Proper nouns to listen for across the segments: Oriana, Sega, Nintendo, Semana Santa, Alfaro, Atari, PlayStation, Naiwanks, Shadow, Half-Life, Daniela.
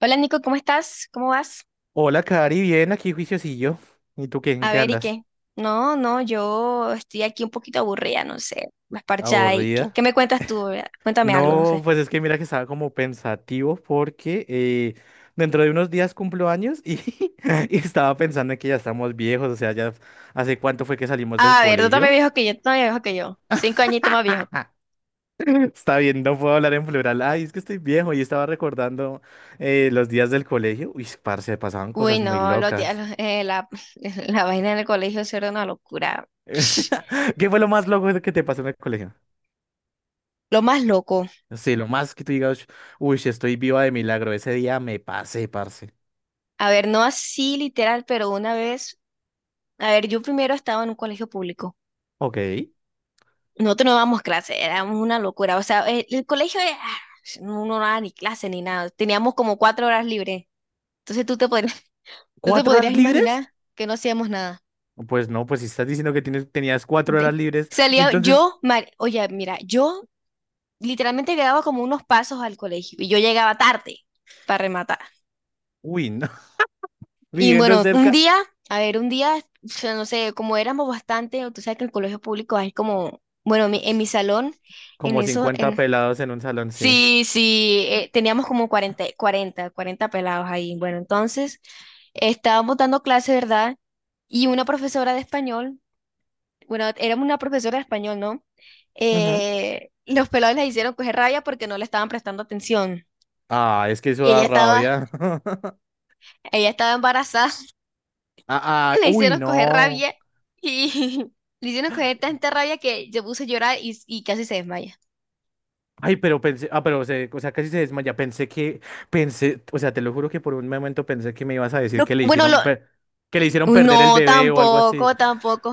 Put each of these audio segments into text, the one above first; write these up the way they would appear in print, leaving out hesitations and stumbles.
Hola, Nico, ¿cómo estás? ¿Cómo vas? Hola, Cari, bien, aquí juiciosillo. ¿Y tú qué, en A qué ver, ¿y andas? qué? No, yo estoy aquí un poquito aburrida, no sé, más parchada. ¿Y qué, ¿Aburrida? qué me cuentas tú? Vea, cuéntame algo, no No, sé. pues es que mira que estaba como pensativo porque dentro de unos días cumplo años y, y estaba pensando en que ya estamos viejos, o sea, ya hace cuánto fue que salimos del A ver, tú también colegio. viejo que yo, tú también viejo que yo. Cinco añitos más viejo. Está bien, no puedo hablar en plural. Ay, es que estoy viejo y estaba recordando los días del colegio. Uy, parce, pasaban Uy, cosas muy no, lo, tía- locas. lo- la, la vaina en el colegio eso era una locura. Psh, ¿Qué fue lo más loco que te pasó en el colegio? lo más loco. Sí, lo más que tú digas, uy, si estoy viva de milagro, ese día me pasé, parce. A ver, no así literal, pero una vez, a ver, yo primero estaba en un colegio público. Ok. Nosotros no dábamos clase, éramos una locura. O sea, el colegio, no, no daba ni clase ni nada. Teníamos como cuatro horas libres. Entonces tú te ¿Cuatro podrías horas libres? imaginar que no hacíamos nada. Pues no, pues si estás diciendo que tenías cuatro De- horas libres y salía entonces, yo, oye, mira, yo literalmente quedaba como unos pasos al colegio y yo llegaba tarde para rematar. uy, no, Y viviendo bueno, un cerca, día, a ver, un día, o sea, no sé, como éramos bastante, tú sabes que el colegio público es como, bueno, en mi salón, en como esos, 50 en pelados en un salón, sí. sí, sí, teníamos como 40 pelados ahí. Bueno, entonces estábamos dando clase, ¿verdad? Y una profesora de español, bueno, éramos una profesora de español, ¿no? Ujú. Los pelados les hicieron coger rabia porque no le estaban prestando atención. Ah, es que eso Y da rabia. ella estaba embarazada, Ah, ah, le uy, hicieron coger no. rabia y le hicieron coger tanta rabia que se puso a llorar y casi se desmaya. Ay, pero pensé, ah, o sea, casi se desmaya. Pensé, o sea, te lo juro que por un momento pensé que me ibas a decir Lo- que le bueno, lo, hicieron, per- que le hicieron Uy, perder el no, bebé o algo así. tampoco, tampoco.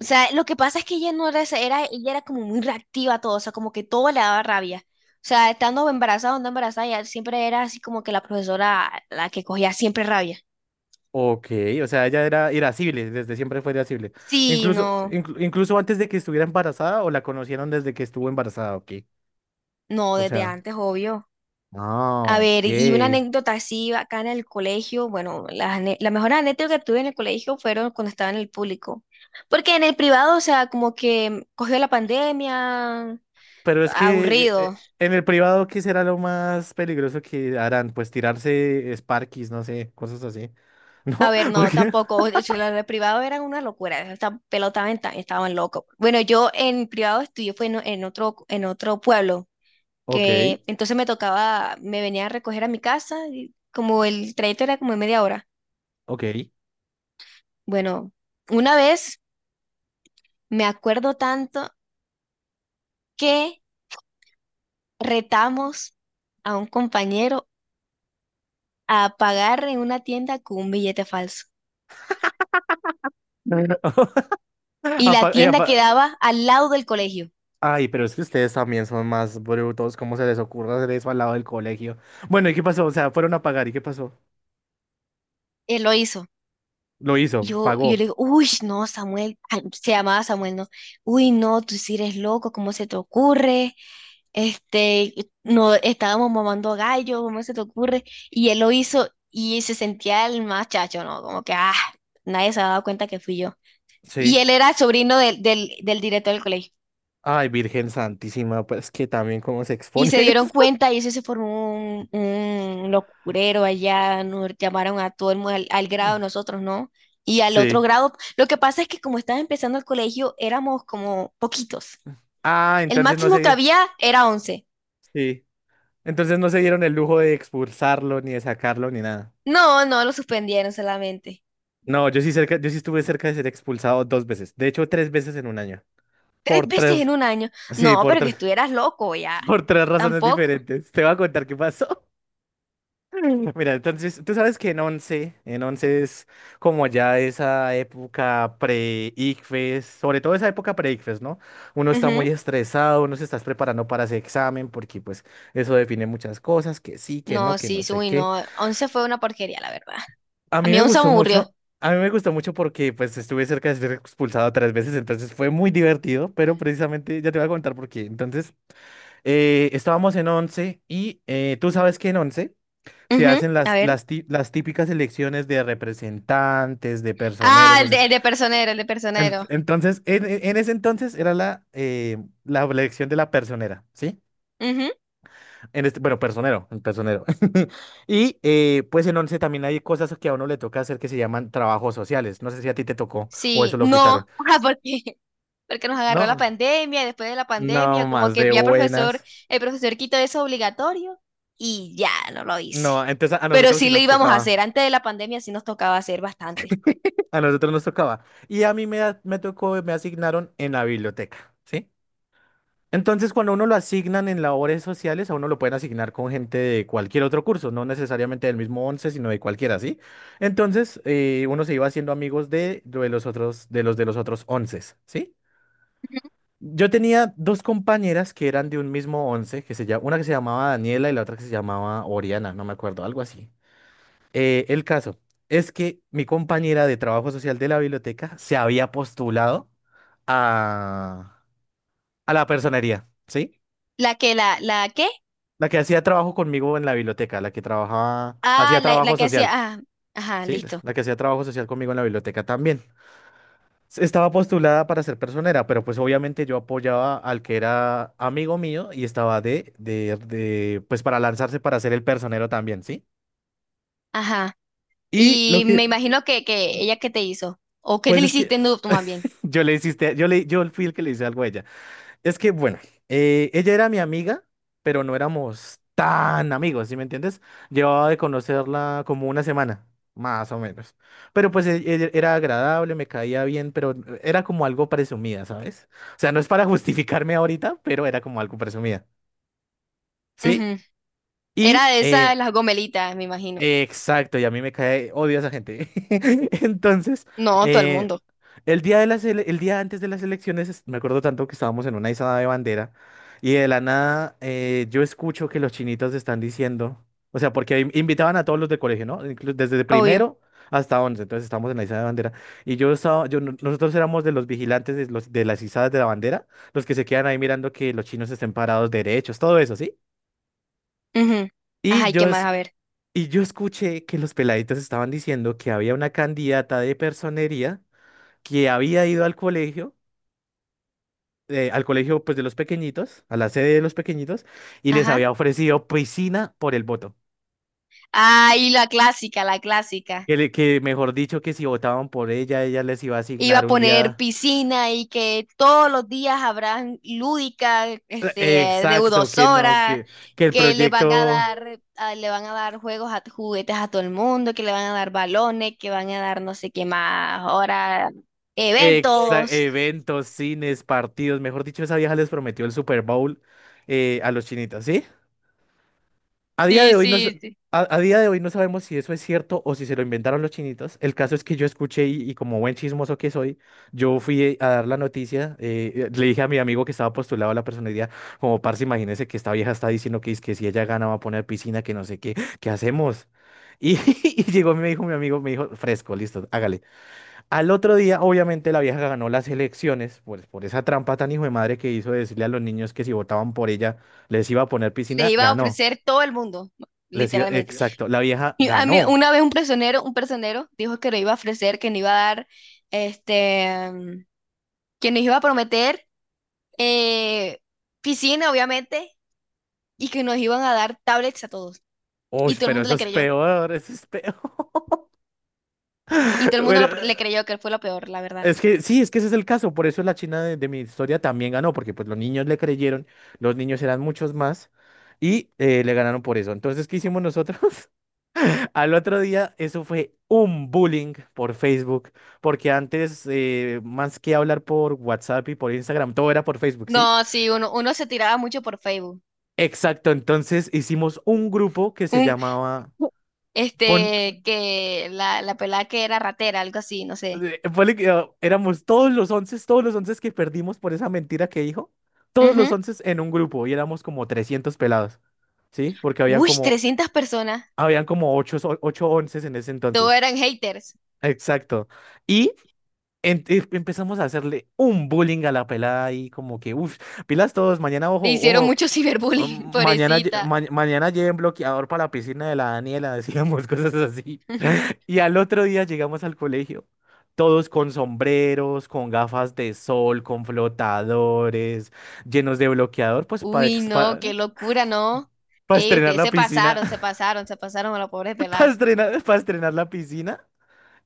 O sea, lo que pasa es que ella no era, esa- era, ella era como muy reactiva a todo, o sea, como que todo le daba rabia. O sea, estando embarazada o no embarazada, ella siempre era así como que la profesora la que cogía siempre rabia. Ok, o sea, ella era irascible, desde siempre fue irascible. Sí, Incluso, no, inclu- incluso antes de que estuviera embarazada o la conocieron desde que estuvo embarazada, ok. no, O desde sea, antes, obvio. A ah, ver, y una ok. anécdota así acá en el colegio, bueno, la mejor anécdota que tuve en el colegio fueron cuando estaba en el público. Porque en el privado, o sea, como que cogió la pandemia, Pero es que aburrido. En el privado, ¿qué será lo más peligroso que harán? Pues tirarse Sparkies, no sé, cosas así. A ¿No? ver, ¿Por no, qué? tampoco. O sea, los de privado eran una locura. Esta pelota estaban locos. Bueno, yo en privado estudié fue en otro pueblo, Ok, que entonces me tocaba, me venía a recoger a mi casa, y como el trayecto era como de media hora. ok. Bueno, una vez me acuerdo tanto que retamos a un compañero a pagar en una tienda con un billete falso. Y la Apa- y tienda apa- eh, quedaba al lado del colegio. Ay, pero es que ustedes también son más brutos. ¿Cómo se les ocurre hacer eso al lado del colegio? Bueno, ¿y qué pasó? O sea, fueron a pagar, ¿y qué pasó? Él lo hizo. Lo hizo, Yo le pagó. digo, uy, no, Samuel, ah, se llamaba Samuel, ¿no? Uy, no, tú sí eres loco, ¿cómo se te ocurre? Este, no, estábamos mamando gallo, ¿cómo se te ocurre? Y él lo hizo y se sentía el más chacho, ¿no? Como que, ah, nadie se había dado cuenta que fui yo. Y Sí. él era el sobrino del director del colegio. Ay, Virgen Santísima, pues que también cómo se Y expone se dieron eso. cuenta y eso se formó un locurero allá, nos llamaron a todo el mundo al, al grado nosotros, ¿no? Y al otro Sí. grado, lo que pasa es que como estaba empezando el colegio, éramos como poquitos. Ah, El entonces no máximo que se. había era once. Sí. Entonces no se dieron el lujo de expulsarlo, ni de sacarlo, ni nada. No, no, lo suspendieron solamente. No, yo sí estuve cerca de ser expulsado dos veces. De hecho, tres veces en un año. Tres Por veces tres. en un año. Sí, No, por pero que tres. estuvieras loco ya. Por tres razones Tampoco. diferentes. Te voy a contar qué pasó. Mira, entonces, tú sabes que en once es como ya esa época pre-ICFES, sobre todo esa época pre-ICFES, ¿no? Uno está muy Ujú. estresado, uno se está preparando para ese examen porque pues eso define muchas cosas, que sí, No, que sí, no sí, sé uy, qué. no. Once fue una porquería, la verdad. A A mí mí me 11 me gustó aburrió. mucho, a mí me gustó mucho porque pues estuve cerca de ser expulsado tres veces, entonces fue muy divertido, pero precisamente ya te voy a contar por qué. Entonces, estábamos en once y tú sabes que en once se Ujú. hacen A ver. Las típicas elecciones de representantes, de Ah, personeros, o sea, el de personero, el de personero. entonces, en ese entonces era la elección de la personera, ¿sí? Ujú. En este, bueno, personero, el personero. Y pues en once también hay cosas que a uno le toca hacer que se llaman trabajos sociales. No sé si a ti te tocó o Sí, eso lo quitaron. no, ajá, porque, porque nos agarró la No, pandemia, y después de la pandemia, no como más que de ya profesor, buenas. el profesor quitó eso obligatorio y ya no lo hice. No, entonces a Pero nosotros sí sí lo nos íbamos a tocaba. hacer, antes de la pandemia sí nos tocaba hacer bastante. A nosotros nos tocaba. Y a mí me tocó, me asignaron en la biblioteca, ¿sí? Entonces, cuando uno lo asignan en labores sociales, a uno lo pueden asignar con gente de cualquier otro curso, no necesariamente del mismo 11, sino de cualquiera, ¿sí? Entonces, uno se iba haciendo amigos de los otros, de los otros 11, ¿sí? Yo tenía dos compañeras que eran de un mismo 11, una que se llamaba Daniela y la otra que se llamaba Oriana, no me acuerdo, algo así. El caso es que mi compañera de trabajo social de la biblioteca se había postulado a, a la personería, ¿sí? La que, la qué La que hacía trabajo conmigo en la biblioteca, la que trabajaba, ah, hacía la trabajo que hacía, social, ah, ajá, sí, la listo, la que hacía trabajo social conmigo en la biblioteca también. Estaba postulada para ser personera, pero pues obviamente yo apoyaba al que era amigo mío y estaba pues para lanzarse para ser el personero también, ¿sí? ajá. Y lo Y me que, imagino que ella que te hizo, o que te pues le es que hiciste en tú más bien. yo le hiciste, yo le, yo fui el que le hice algo a ella. Es que, bueno, ella era mi amiga, pero no éramos tan amigos, ¿sí me entiendes? Llevaba de conocerla como una semana, más o menos. Pero pues era agradable, me caía bien, pero era como algo presumida, ¿sabes? O sea, no es para justificarme ahorita, pero era como algo presumida, ¿sí? Ujú. Era Y, de esas, las gomelitas, me imagino. exacto, y a mí me cae, odio a esa gente. Entonces, No, todo el eh, mundo, el día antes de las elecciones, me acuerdo tanto que estábamos en una izada de bandera y de la nada yo escucho que los chinitos están diciendo, o sea, porque invitaban a todos los de colegio, ¿no? Desde obvio. primero hasta once, entonces estamos en la izada de bandera y yo estaba, yo no- nosotros éramos de los vigilantes de las izadas de la bandera, los que se quedan ahí mirando que los chinos estén parados derechos, todo eso, ¿sí? Ujú. Ajá, Y ¿y qué más? A ver. y yo escuché que los peladitos estaban diciendo que había una candidata de personería que había ido al colegio pues de los pequeñitos, a la sede de los pequeñitos, y les Ajá. había ofrecido piscina por el voto. Ah, y la clásica, la clásica. Que mejor dicho, que si votaban por ella, ella les iba a Iba asignar a un poner día. piscina y que todos los días habrán lúdica, este, Exacto, que no, deudosora, que el que le van a proyecto, dar, le van a dar juegos a juguetes a todo el mundo, que le van a dar balones, que van a dar no sé qué más, ahora eventos. eventos, cines, partidos, mejor dicho, esa vieja les prometió el Super Bowl, a los chinitos, ¿sí? A día Sí, de hoy no, sí, sí. A día de hoy no sabemos si eso es cierto o si se lo inventaron los chinitos. El caso es que yo escuché y como buen chismoso que soy, yo fui a dar la noticia. Le dije a mi amigo que estaba postulado a la personería, como parce, imagínese que esta vieja está diciendo que, es que si ella gana va a poner piscina, que no sé qué, ¿qué hacemos? Y, y llegó y me dijo mi amigo, me dijo, fresco, listo, hágale. Al otro día, obviamente, la vieja ganó las elecciones, pues por esa trampa tan hijo de madre que hizo de decirle a los niños que si votaban por ella les iba a poner Le piscina, iba a ganó. ofrecer todo el mundo, literalmente. Exacto, la vieja Y a mí, ganó. una vez un personero dijo que no iba a ofrecer, que no iba a dar, este, que nos iba a prometer eh, piscina, obviamente, y que nos iban a dar tablets a todos. Uy, Y todo el pero mundo eso le es creyó. peor, eso es peor. Y todo el mundo Bueno, le creyó que fue lo peor, la verdad. es que sí, es que ese es el caso. Por eso la China de mi historia también ganó, porque pues los niños le creyeron, los niños eran muchos más y le ganaron por eso. Entonces, ¿qué hicimos nosotros? Al otro día, eso fue un bullying por Facebook, porque antes, más que hablar por WhatsApp y por Instagram, todo era por Facebook, ¿sí? No, sí, uno se tiraba mucho por Facebook. Exacto, entonces hicimos un grupo que se Un, llamaba. con este, que la pelada que era ratera, algo así, no sé. Eh, ponle que, ah, éramos todos los once que perdimos por esa mentira que dijo, todos los Ujú. once en un grupo y éramos como 300 pelados, ¿sí? Porque Uy, 300 personas. habían como ocho, ocho onces en ese Todos entonces. eran haters. Exacto. Y empezamos a hacerle un bullying a la pelada y como que, uff, pilas todos, mañana, ojo, Le hicieron ojo, mucho ciberbullying, pobrecita. Mañana lleven bloqueador para la piscina de la Daniela, decíamos cosas así. Y al otro día llegamos al colegio, todos con sombreros, con gafas de sol, con flotadores, llenos de bloqueador, pues para Uy, no, qué locura, ¿no? Ey, estrenar ustedes la se piscina, pasaron, se pasaron, se pasaron a la pobre pelada. Para estrenar la piscina.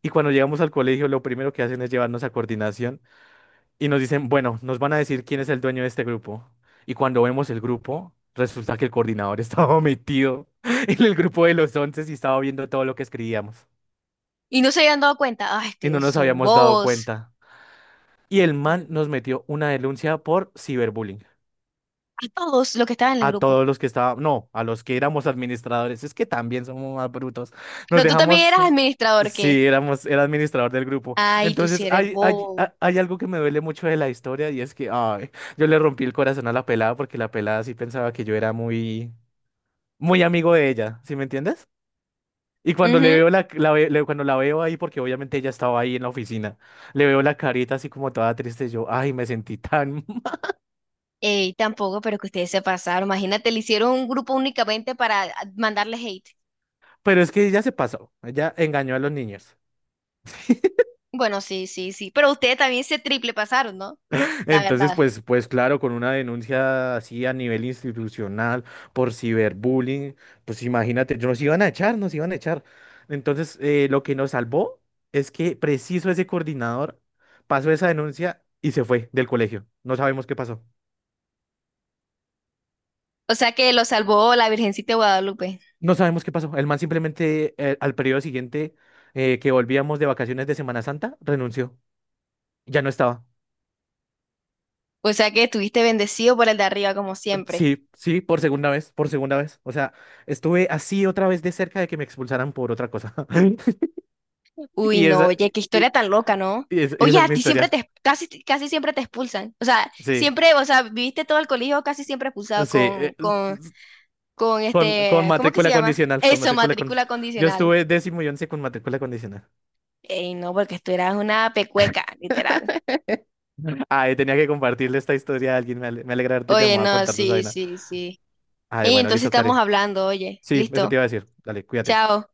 Y cuando llegamos al colegio, lo primero que hacen es llevarnos a coordinación y nos dicen, bueno, nos van a decir quién es el dueño de este grupo. Y cuando vemos el grupo, resulta que el coordinador estaba metido en el grupo de los once y estaba viendo todo lo que escribíamos. Y no se habían dado cuenta. Ay, Y no ustedes nos son habíamos dado bobos. cuenta. Y el man nos metió una denuncia por ciberbullying. A todos los que estaban en el A grupo. todos los que estaban, no, a los que éramos administradores. Es que también somos más brutos. Nos Pero tú también dejamos, eras administrador, ¿qué? sí, éramos, era administrador del grupo. Ay, tú sí Entonces, eres bobo. Hay algo que me duele mucho de la historia y es que, ay, yo le rompí el corazón a la pelada porque la pelada sí pensaba que yo era muy, muy amigo de ella, ¿sí me entiendes? Y cuando le Ujú. veo la, la ve- le- cuando la veo ahí, porque obviamente ella estaba ahí en la oficina, le veo la carita así como toda triste, yo, ay, me sentí tan. Ey, tampoco, pero que ustedes se pasaron. Imagínate, le hicieron un grupo únicamente para ah, mandarle hate. Pero es que ya se pasó, ella engañó a los niños. Bueno, sí, sí, sí. Pero ustedes también se triple pasaron, ¿no? La Entonces, verdad. Pues claro, con una denuncia así a nivel institucional por ciberbullying, pues imagínate, nos iban a echar, nos iban a echar. Entonces, lo que nos salvó es que preciso ese coordinador pasó esa denuncia y se fue del colegio. No sabemos qué pasó. O sea que lo salvó la Virgencita de Guadalupe. No sabemos qué pasó. El man simplemente al periodo siguiente que volvíamos de vacaciones de Semana Santa renunció. Ya no estaba. O sea que estuviste bendecido por el de arriba, como siempre. Sí, sí, por segunda vez, por segunda vez. O sea, estuve así otra vez de cerca de que me expulsaran por otra cosa. Uy, Y no, esa, oye, qué y, historia tan loca, ¿no? Y Oye, esa es a mi ti siempre historia. te, casi, casi siempre te expulsan. O sea, Sí, siempre, o sea, viviste todo el colegio casi siempre expulsado sí. Eh, s- s- con Con, con este, ¿cómo que se matrícula llama? condicional, con Eso, matrícula matrícula condicional. Yo condicional. estuve décimo y once con matrícula condicional. Ey, no, porque tú eras una pecueca, literal. Ay, tenía que compartirle esta historia a alguien. Me alegra haberte Oye, llamado a no, contarte esa sí, vaina. sí, sí. Ay, Ey, bueno, entonces listo, estamos Kare. hablando, oye, Sí, eso listo. te iba a decir. Dale, cuídate. Chao.